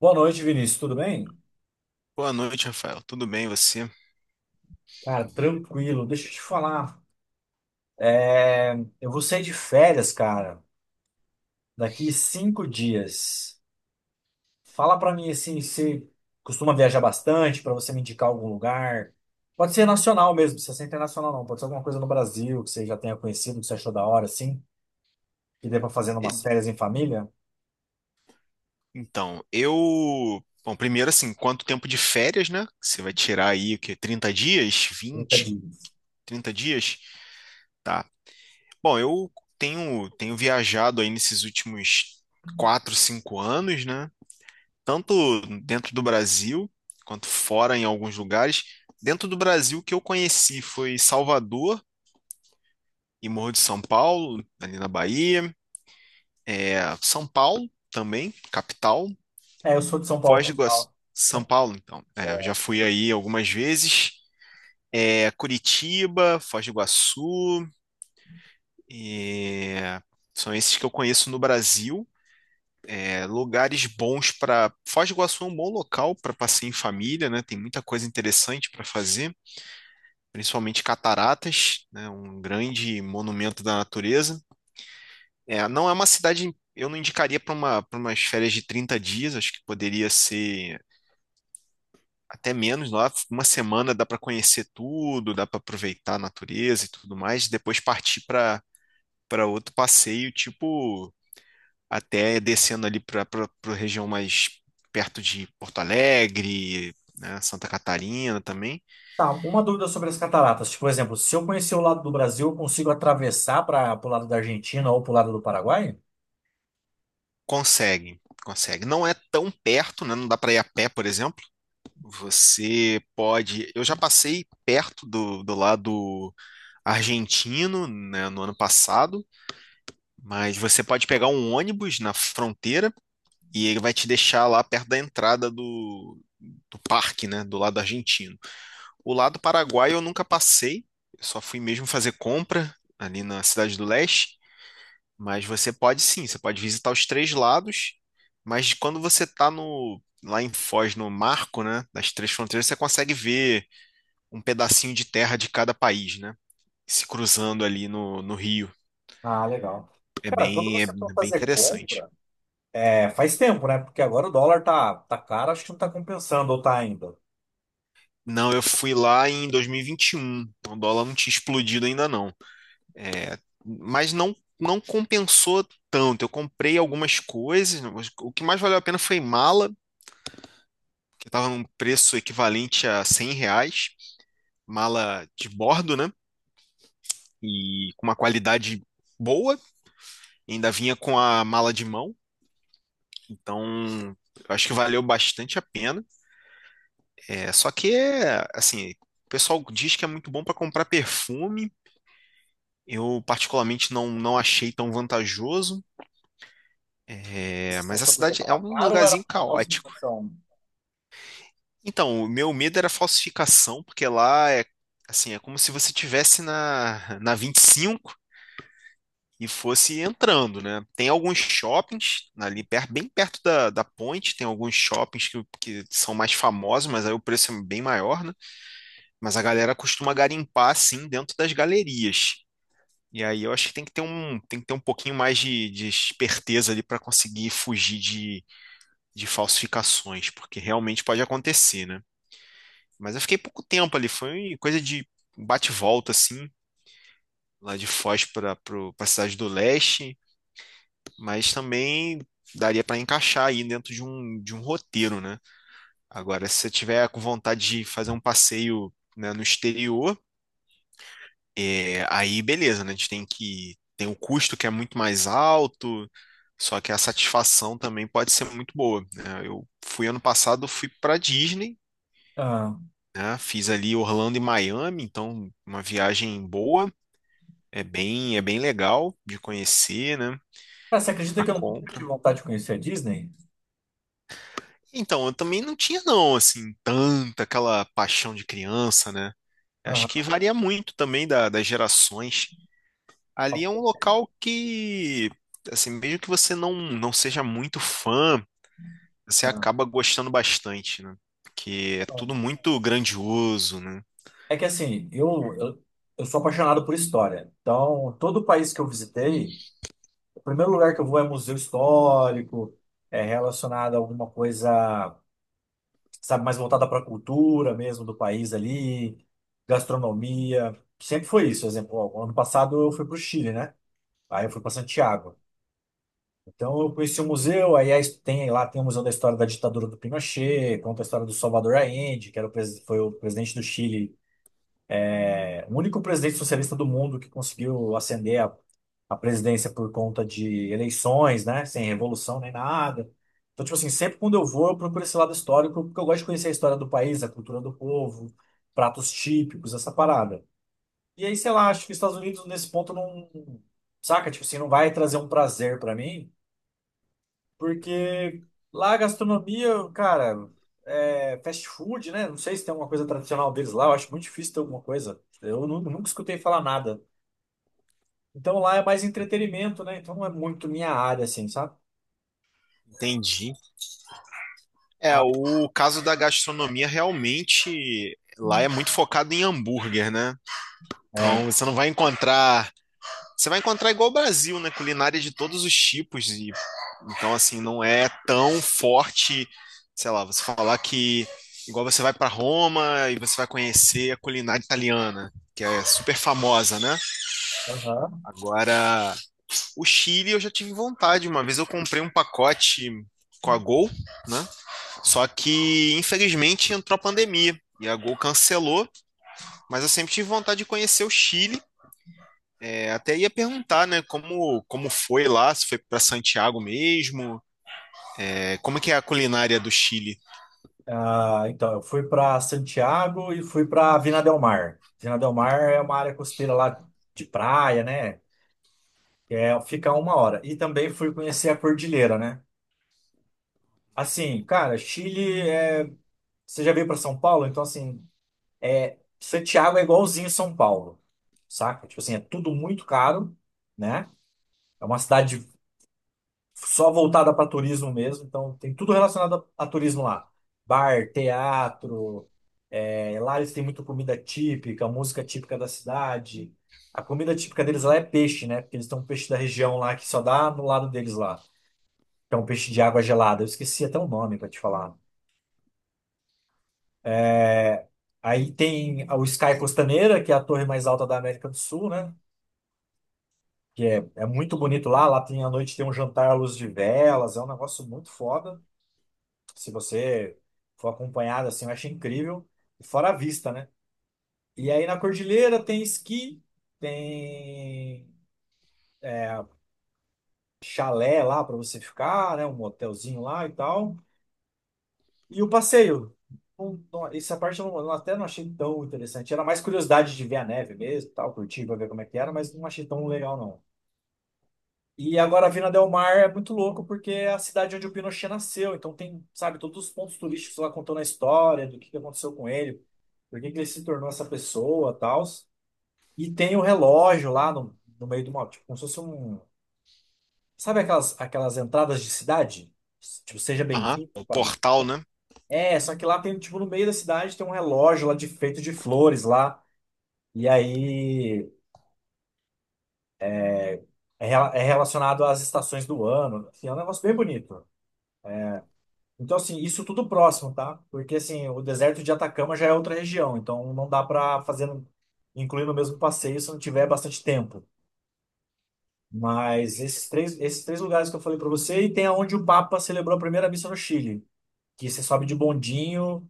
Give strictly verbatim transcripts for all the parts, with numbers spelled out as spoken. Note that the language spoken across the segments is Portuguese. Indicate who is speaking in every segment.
Speaker 1: Boa noite, Vinícius. Tudo bem?
Speaker 2: Boa noite, Rafael. Tudo bem, você?
Speaker 1: Cara, tranquilo. Deixa eu te falar. É, Eu vou sair de férias, cara, daqui cinco dias. Fala pra mim assim, se costuma viajar bastante, pra você me indicar algum lugar. Pode ser nacional mesmo, não precisa ser internacional não. Pode ser alguma coisa no Brasil que você já tenha conhecido, que você achou da hora, assim, que dê pra fazer umas
Speaker 2: E-
Speaker 1: férias em família.
Speaker 2: Então, eu. Bom, primeiro, assim, quanto tempo de férias, né? Você vai tirar aí o quê? Trinta dias?
Speaker 1: trinta
Speaker 2: Vinte,
Speaker 1: dias.
Speaker 2: trinta dias? Tá. Bom, eu tenho, tenho viajado aí nesses últimos quatro, cinco anos, né? Tanto dentro do Brasil, quanto fora em alguns lugares. Dentro do Brasil, o que eu conheci foi Salvador e Morro de São Paulo, ali na Bahia. É, São Paulo também, capital.
Speaker 1: É, eu sou de São Paulo,
Speaker 2: Foz do Iguaçu,
Speaker 1: capital.
Speaker 2: São Paulo, então. É, já fui aí algumas vezes. É, Curitiba, Foz do Iguaçu, é, são esses que eu conheço no Brasil. É, lugares bons para. Foz do Iguaçu é um bom local para passeio em família, né? Tem muita coisa interessante para fazer, principalmente cataratas, né? Um grande monumento da natureza. É, não é uma cidade. Eu não indicaria para uma, para umas férias de trinta dias, acho que poderia ser até menos, lá, uma semana dá para conhecer tudo, dá para aproveitar a natureza e tudo mais, depois partir para para outro passeio, tipo, até descendo ali para para região mais perto de Porto Alegre, né, Santa Catarina também.
Speaker 1: Tá, uma dúvida sobre as cataratas. Tipo, por exemplo, se eu conhecer o lado do Brasil, eu consigo atravessar para o lado da Argentina ou para o lado do Paraguai?
Speaker 2: Consegue, consegue. Não é tão perto, né? Não dá para ir a pé, por exemplo. Você pode. Eu já passei perto do, do lado argentino, né, no ano passado, mas você pode pegar um ônibus na fronteira e ele vai te deixar lá perto da entrada do, do parque, né, do lado argentino. O lado paraguaio eu nunca passei, eu só fui mesmo fazer compra ali na Cidade do Leste, mas você pode sim, você pode visitar os três lados, mas quando você está no lá em Foz, no marco, né, das três fronteiras, você consegue ver um pedacinho de terra de cada país, né, se cruzando ali no, no rio.
Speaker 1: Ah, legal.
Speaker 2: É
Speaker 1: Cara, quando
Speaker 2: bem, é
Speaker 1: você for
Speaker 2: bem
Speaker 1: fazer
Speaker 2: interessante.
Speaker 1: compra, é, faz tempo, né? Porque agora o dólar tá, tá caro, acho que não tá compensando ou tá ainda.
Speaker 2: Não, eu fui lá em dois mil e vinte e um, então o dólar não tinha explodido ainda não. É, mas não, não compensou tanto. Eu comprei algumas coisas. O que mais valeu a pena foi mala, que estava num preço equivalente a cem reais. Mala de bordo, né? E com uma qualidade boa. Ainda vinha com a mala de mão. Então, eu acho que valeu bastante a pena. É, só que, assim, o pessoal diz que é muito bom para comprar perfume. Eu, particularmente, não, não achei tão vantajoso. É,
Speaker 1: Vocês estão
Speaker 2: mas a
Speaker 1: sabendo porque
Speaker 2: cidade é
Speaker 1: tava
Speaker 2: um
Speaker 1: caro ou era
Speaker 2: lugarzinho
Speaker 1: por causa da
Speaker 2: caótico.
Speaker 1: inflação?
Speaker 2: Então, o meu medo era falsificação, porque lá é assim, é como se você tivesse na na vinte e cinco e cinco e fosse entrando, né? Tem alguns shoppings ali perto, bem perto da, da ponte, tem alguns shoppings que, que são mais famosos, mas aí o preço é bem maior, né? Mas a galera costuma garimpar assim dentro das galerias. E aí eu acho que tem que ter um, tem que ter um pouquinho mais de, de esperteza ali para conseguir fugir de, de falsificações, porque realmente pode acontecer, né? Mas eu fiquei pouco tempo ali, foi coisa de bate volta, assim, lá de Foz para a cidade do leste, mas também daria para encaixar aí dentro de um, de um roteiro, né? Agora, se você tiver com vontade de fazer um passeio, né, no exterior, é, aí beleza, né? A gente tem que. Tem o custo que é muito mais alto, só que a satisfação também pode ser muito boa, né? Eu fui ano passado, fui para Disney,
Speaker 1: Ah.
Speaker 2: né? Fiz ali Orlando e Miami, então uma viagem boa. É bem, é bem legal de conhecer, né?
Speaker 1: Cara, você acredita
Speaker 2: A
Speaker 1: que eu nunca
Speaker 2: compra.
Speaker 1: tive vontade de conhecer a Disney?
Speaker 2: Então, eu também não tinha, não, assim, tanta aquela paixão de criança, né? Acho que
Speaker 1: Ah.
Speaker 2: varia muito também da- das gerações. Ali é um local que, assim, mesmo que você não, não seja muito fã, você
Speaker 1: Ah.
Speaker 2: acaba gostando bastante, né? Porque é tudo muito grandioso, né?
Speaker 1: É que assim, eu, eu, eu sou apaixonado por história. Então, todo país que eu visitei, o primeiro lugar que eu vou é museu histórico, é relacionado a alguma coisa, sabe, mais voltada para a cultura mesmo do país ali, gastronomia. Sempre foi isso. Exemplo, ó, ano passado eu fui para o Chile, né? Aí eu fui para Santiago. Então eu conheci o museu, aí é a his- tem lá, tem o Museu da História da Ditadura do Pinochet, conta a história do Salvador Allende, que era o pres- foi o presidente do Chile. É, o único presidente socialista do mundo que conseguiu ascender a, a presidência por conta de eleições, né? Sem revolução nem nada. Então, tipo assim, sempre quando eu vou, eu procuro esse lado histórico, porque eu gosto de conhecer a história do país, a cultura do povo, pratos típicos, essa parada. E aí, sei lá, acho que os Estados Unidos nesse ponto não, saca? Tipo assim, não vai trazer um prazer pra mim,
Speaker 2: Uhum.
Speaker 1: porque lá a gastronomia, cara, é fast food, né? Não sei se tem alguma coisa tradicional deles lá, eu acho muito difícil ter alguma coisa. Eu nu- nunca escutei falar nada. Então lá é mais entretenimento, né? Então não é muito minha área, assim, sabe?
Speaker 2: Entendi. É,
Speaker 1: Ah,
Speaker 2: o caso da gastronomia realmente lá é muito focado em hambúrguer, né? Então,
Speaker 1: é.
Speaker 2: você não vai encontrar. Você vai encontrar igual o Brasil, né? Culinária de todos os tipos. E, então, assim, não é tão forte, sei lá, você falar que. Igual você vai para Roma e você vai conhecer a culinária italiana, que é super famosa, né?
Speaker 1: Aham.
Speaker 2: Agora, o Chile eu já tive vontade. Uma vez eu comprei um pacote com a Gol, né? Só que, infelizmente, entrou a pandemia e a Gol cancelou, mas eu sempre tive vontade de conhecer o Chile. É, até ia perguntar, né, como, como foi lá, se foi para Santiago mesmo, é, como que é a culinária do Chile?
Speaker 1: Ah, então, eu fui para Santiago e fui para Vina del Mar. Vina del Mar é uma área costeira lá, de praia, né? É, fica a uma hora. E também fui conhecer a cordilheira, né? Assim, cara, Chile é. Você já veio para São Paulo? Então, assim, é, Santiago é igualzinho São Paulo, saca? Tipo assim, é tudo muito caro, né? É uma cidade só voltada para turismo mesmo, então tem tudo relacionado a, a turismo lá. Bar, teatro, é, lá eles têm muita comida típica, música típica da cidade. A comida típica deles lá é peixe, né? Porque eles têm um peixe da região lá que só dá no lado deles lá, que é um peixe de água gelada. Eu esqueci até o nome para te falar. Eh, Aí tem o Sky Costaneira, que é a torre mais alta da América do Sul, né? Que é, é muito bonito lá. Lá tem, à noite tem um jantar à luz de velas, é um negócio muito foda. Se você for acompanhado, assim, eu acho incrível. E fora a vista, né? E aí na Cordilheira tem esqui, tem é, chalé lá para você ficar, né? Um hotelzinho lá e tal. E o passeio. Não- não- essa parte eu não- eu até não achei tão interessante. Era mais curiosidade de ver a neve mesmo, e tal, curtir para ver como é que era, mas não achei tão legal, não. E agora Vina Del Mar é muito louco porque é a cidade onde o Pinochet nasceu. Então tem, sabe, todos os pontos turísticos lá contando a história do que que aconteceu com ele, por que que ele se tornou essa pessoa, tal. E tem o relógio lá no, no meio do mal, tipo, como se fosse um, sabe aquelas aquelas entradas de cidade? Tipo, seja
Speaker 2: Aham,
Speaker 1: bem-vindo.
Speaker 2: o portal, né?
Speaker 1: É, só que lá tem, tipo, no meio da cidade tem um relógio lá de feito de flores lá. E aí é, rela- é relacionado às estações do ano. Assim, é um negócio bem bonito. Então, assim, isso tudo próximo, tá? Porque, assim, o deserto de Atacama já é outra região, então não dá pra fazer, no- incluir no mesmo passeio se não tiver bastante tempo. Mas esses três, esses três lugares que eu falei pra você, e tem aonde o Papa celebrou a primeira missa no Chile, que você sobe de bondinho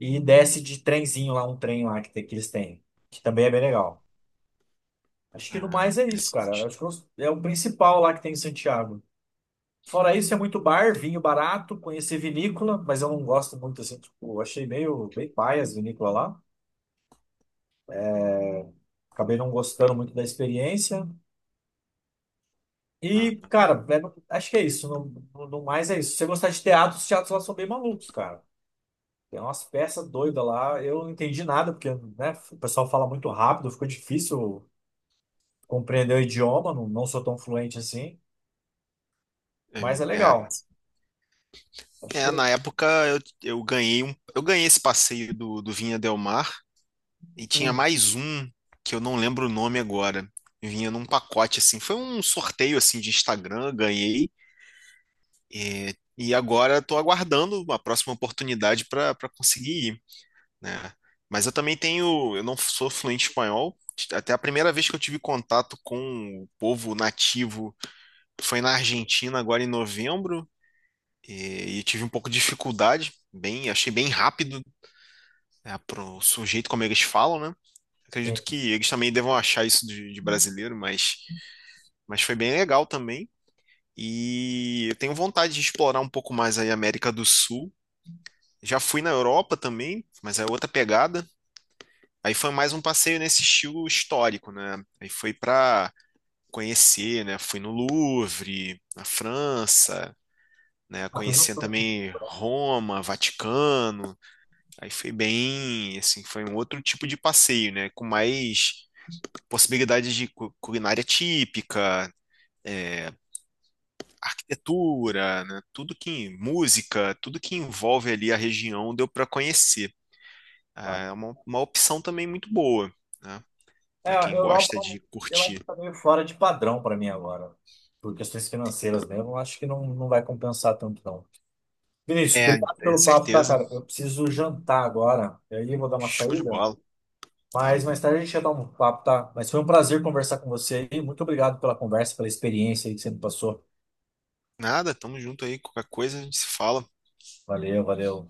Speaker 1: e desce de trenzinho lá, um trem lá que, tem- que eles têm, que também é bem legal. Acho que no
Speaker 2: Ah,
Speaker 1: mais é isso, cara.
Speaker 2: interessante.
Speaker 1: Acho que é o principal lá que tem em Santiago. Fora isso, é muito bar, vinho barato, conheci vinícola, mas eu não gosto muito assim, tipo, eu achei meio bem paia as vinícolas lá. Acabei não gostando muito da experiência.
Speaker 2: Ah,
Speaker 1: E, cara, é- acho que é isso. No, no mais é isso. Se você gostar de teatro, os teatros lá são bem malucos, cara. Tem umas peças doidas lá. Eu não entendi nada, porque, né, o pessoal fala muito rápido, ficou difícil compreender o idioma, não, não sou tão fluente assim,
Speaker 2: é,
Speaker 1: mas é
Speaker 2: é-
Speaker 1: legal. Acho que
Speaker 2: é, Na
Speaker 1: é.
Speaker 2: época eu, eu ganhei um, eu ganhei esse passeio do, do Vinha Del Mar e tinha
Speaker 1: Hum,
Speaker 2: mais um que eu não lembro o nome agora. Vinha num pacote assim, foi um sorteio assim de Instagram, ganhei é, e agora estou aguardando a próxima oportunidade para para conseguir ir. Né? Mas eu também tenho, eu não sou fluente em espanhol. Até a primeira vez que eu tive contato com o povo nativo foi na Argentina, agora em novembro, e, e tive um pouco de dificuldade, bem, achei bem rápido, né, pro sujeito como eles falam, né? Acredito
Speaker 1: sim.
Speaker 2: que eles também devam achar isso de, de brasileiro, mas, mas foi bem legal também. E eu tenho vontade de explorar um pouco mais aí a América do Sul. Já fui na Europa também, mas é outra pegada. Aí foi mais um passeio nesse estilo histórico, né? Aí foi para conhecer, né? Fui no Louvre, na França, né?
Speaker 1: Ah, pois eu
Speaker 2: Conhecendo
Speaker 1: tô.
Speaker 2: também Roma, Vaticano. Aí foi bem, assim, foi um outro tipo de passeio, né? Com mais possibilidades de cu- culinária típica, é, arquitetura, né? Tudo que música, tudo que envolve ali a região deu para conhecer. Ah, é uma, uma opção também muito boa, né?
Speaker 1: É,
Speaker 2: Para
Speaker 1: a
Speaker 2: quem
Speaker 1: Europa,
Speaker 2: gosta de
Speaker 1: eu acho que
Speaker 2: curtir.
Speaker 1: tá meio fora de padrão para mim agora. Por questões financeiras mesmo, eu acho que não, não vai compensar tanto, não. Vinícius,
Speaker 2: É,
Speaker 1: obrigado
Speaker 2: é
Speaker 1: pelo papo, tá,
Speaker 2: certeza.
Speaker 1: cara? Eu preciso jantar agora. E aí eu vou dar uma
Speaker 2: Show de
Speaker 1: saída.
Speaker 2: bola. Tá
Speaker 1: Mas
Speaker 2: bom.
Speaker 1: mais tarde a gente já dar um papo, tá? Mas foi um prazer conversar com você aí. Muito obrigado pela conversa, pela experiência aí que você me passou.
Speaker 2: Nada, tamo junto aí. Qualquer coisa a gente se fala.
Speaker 1: Valeu, valeu.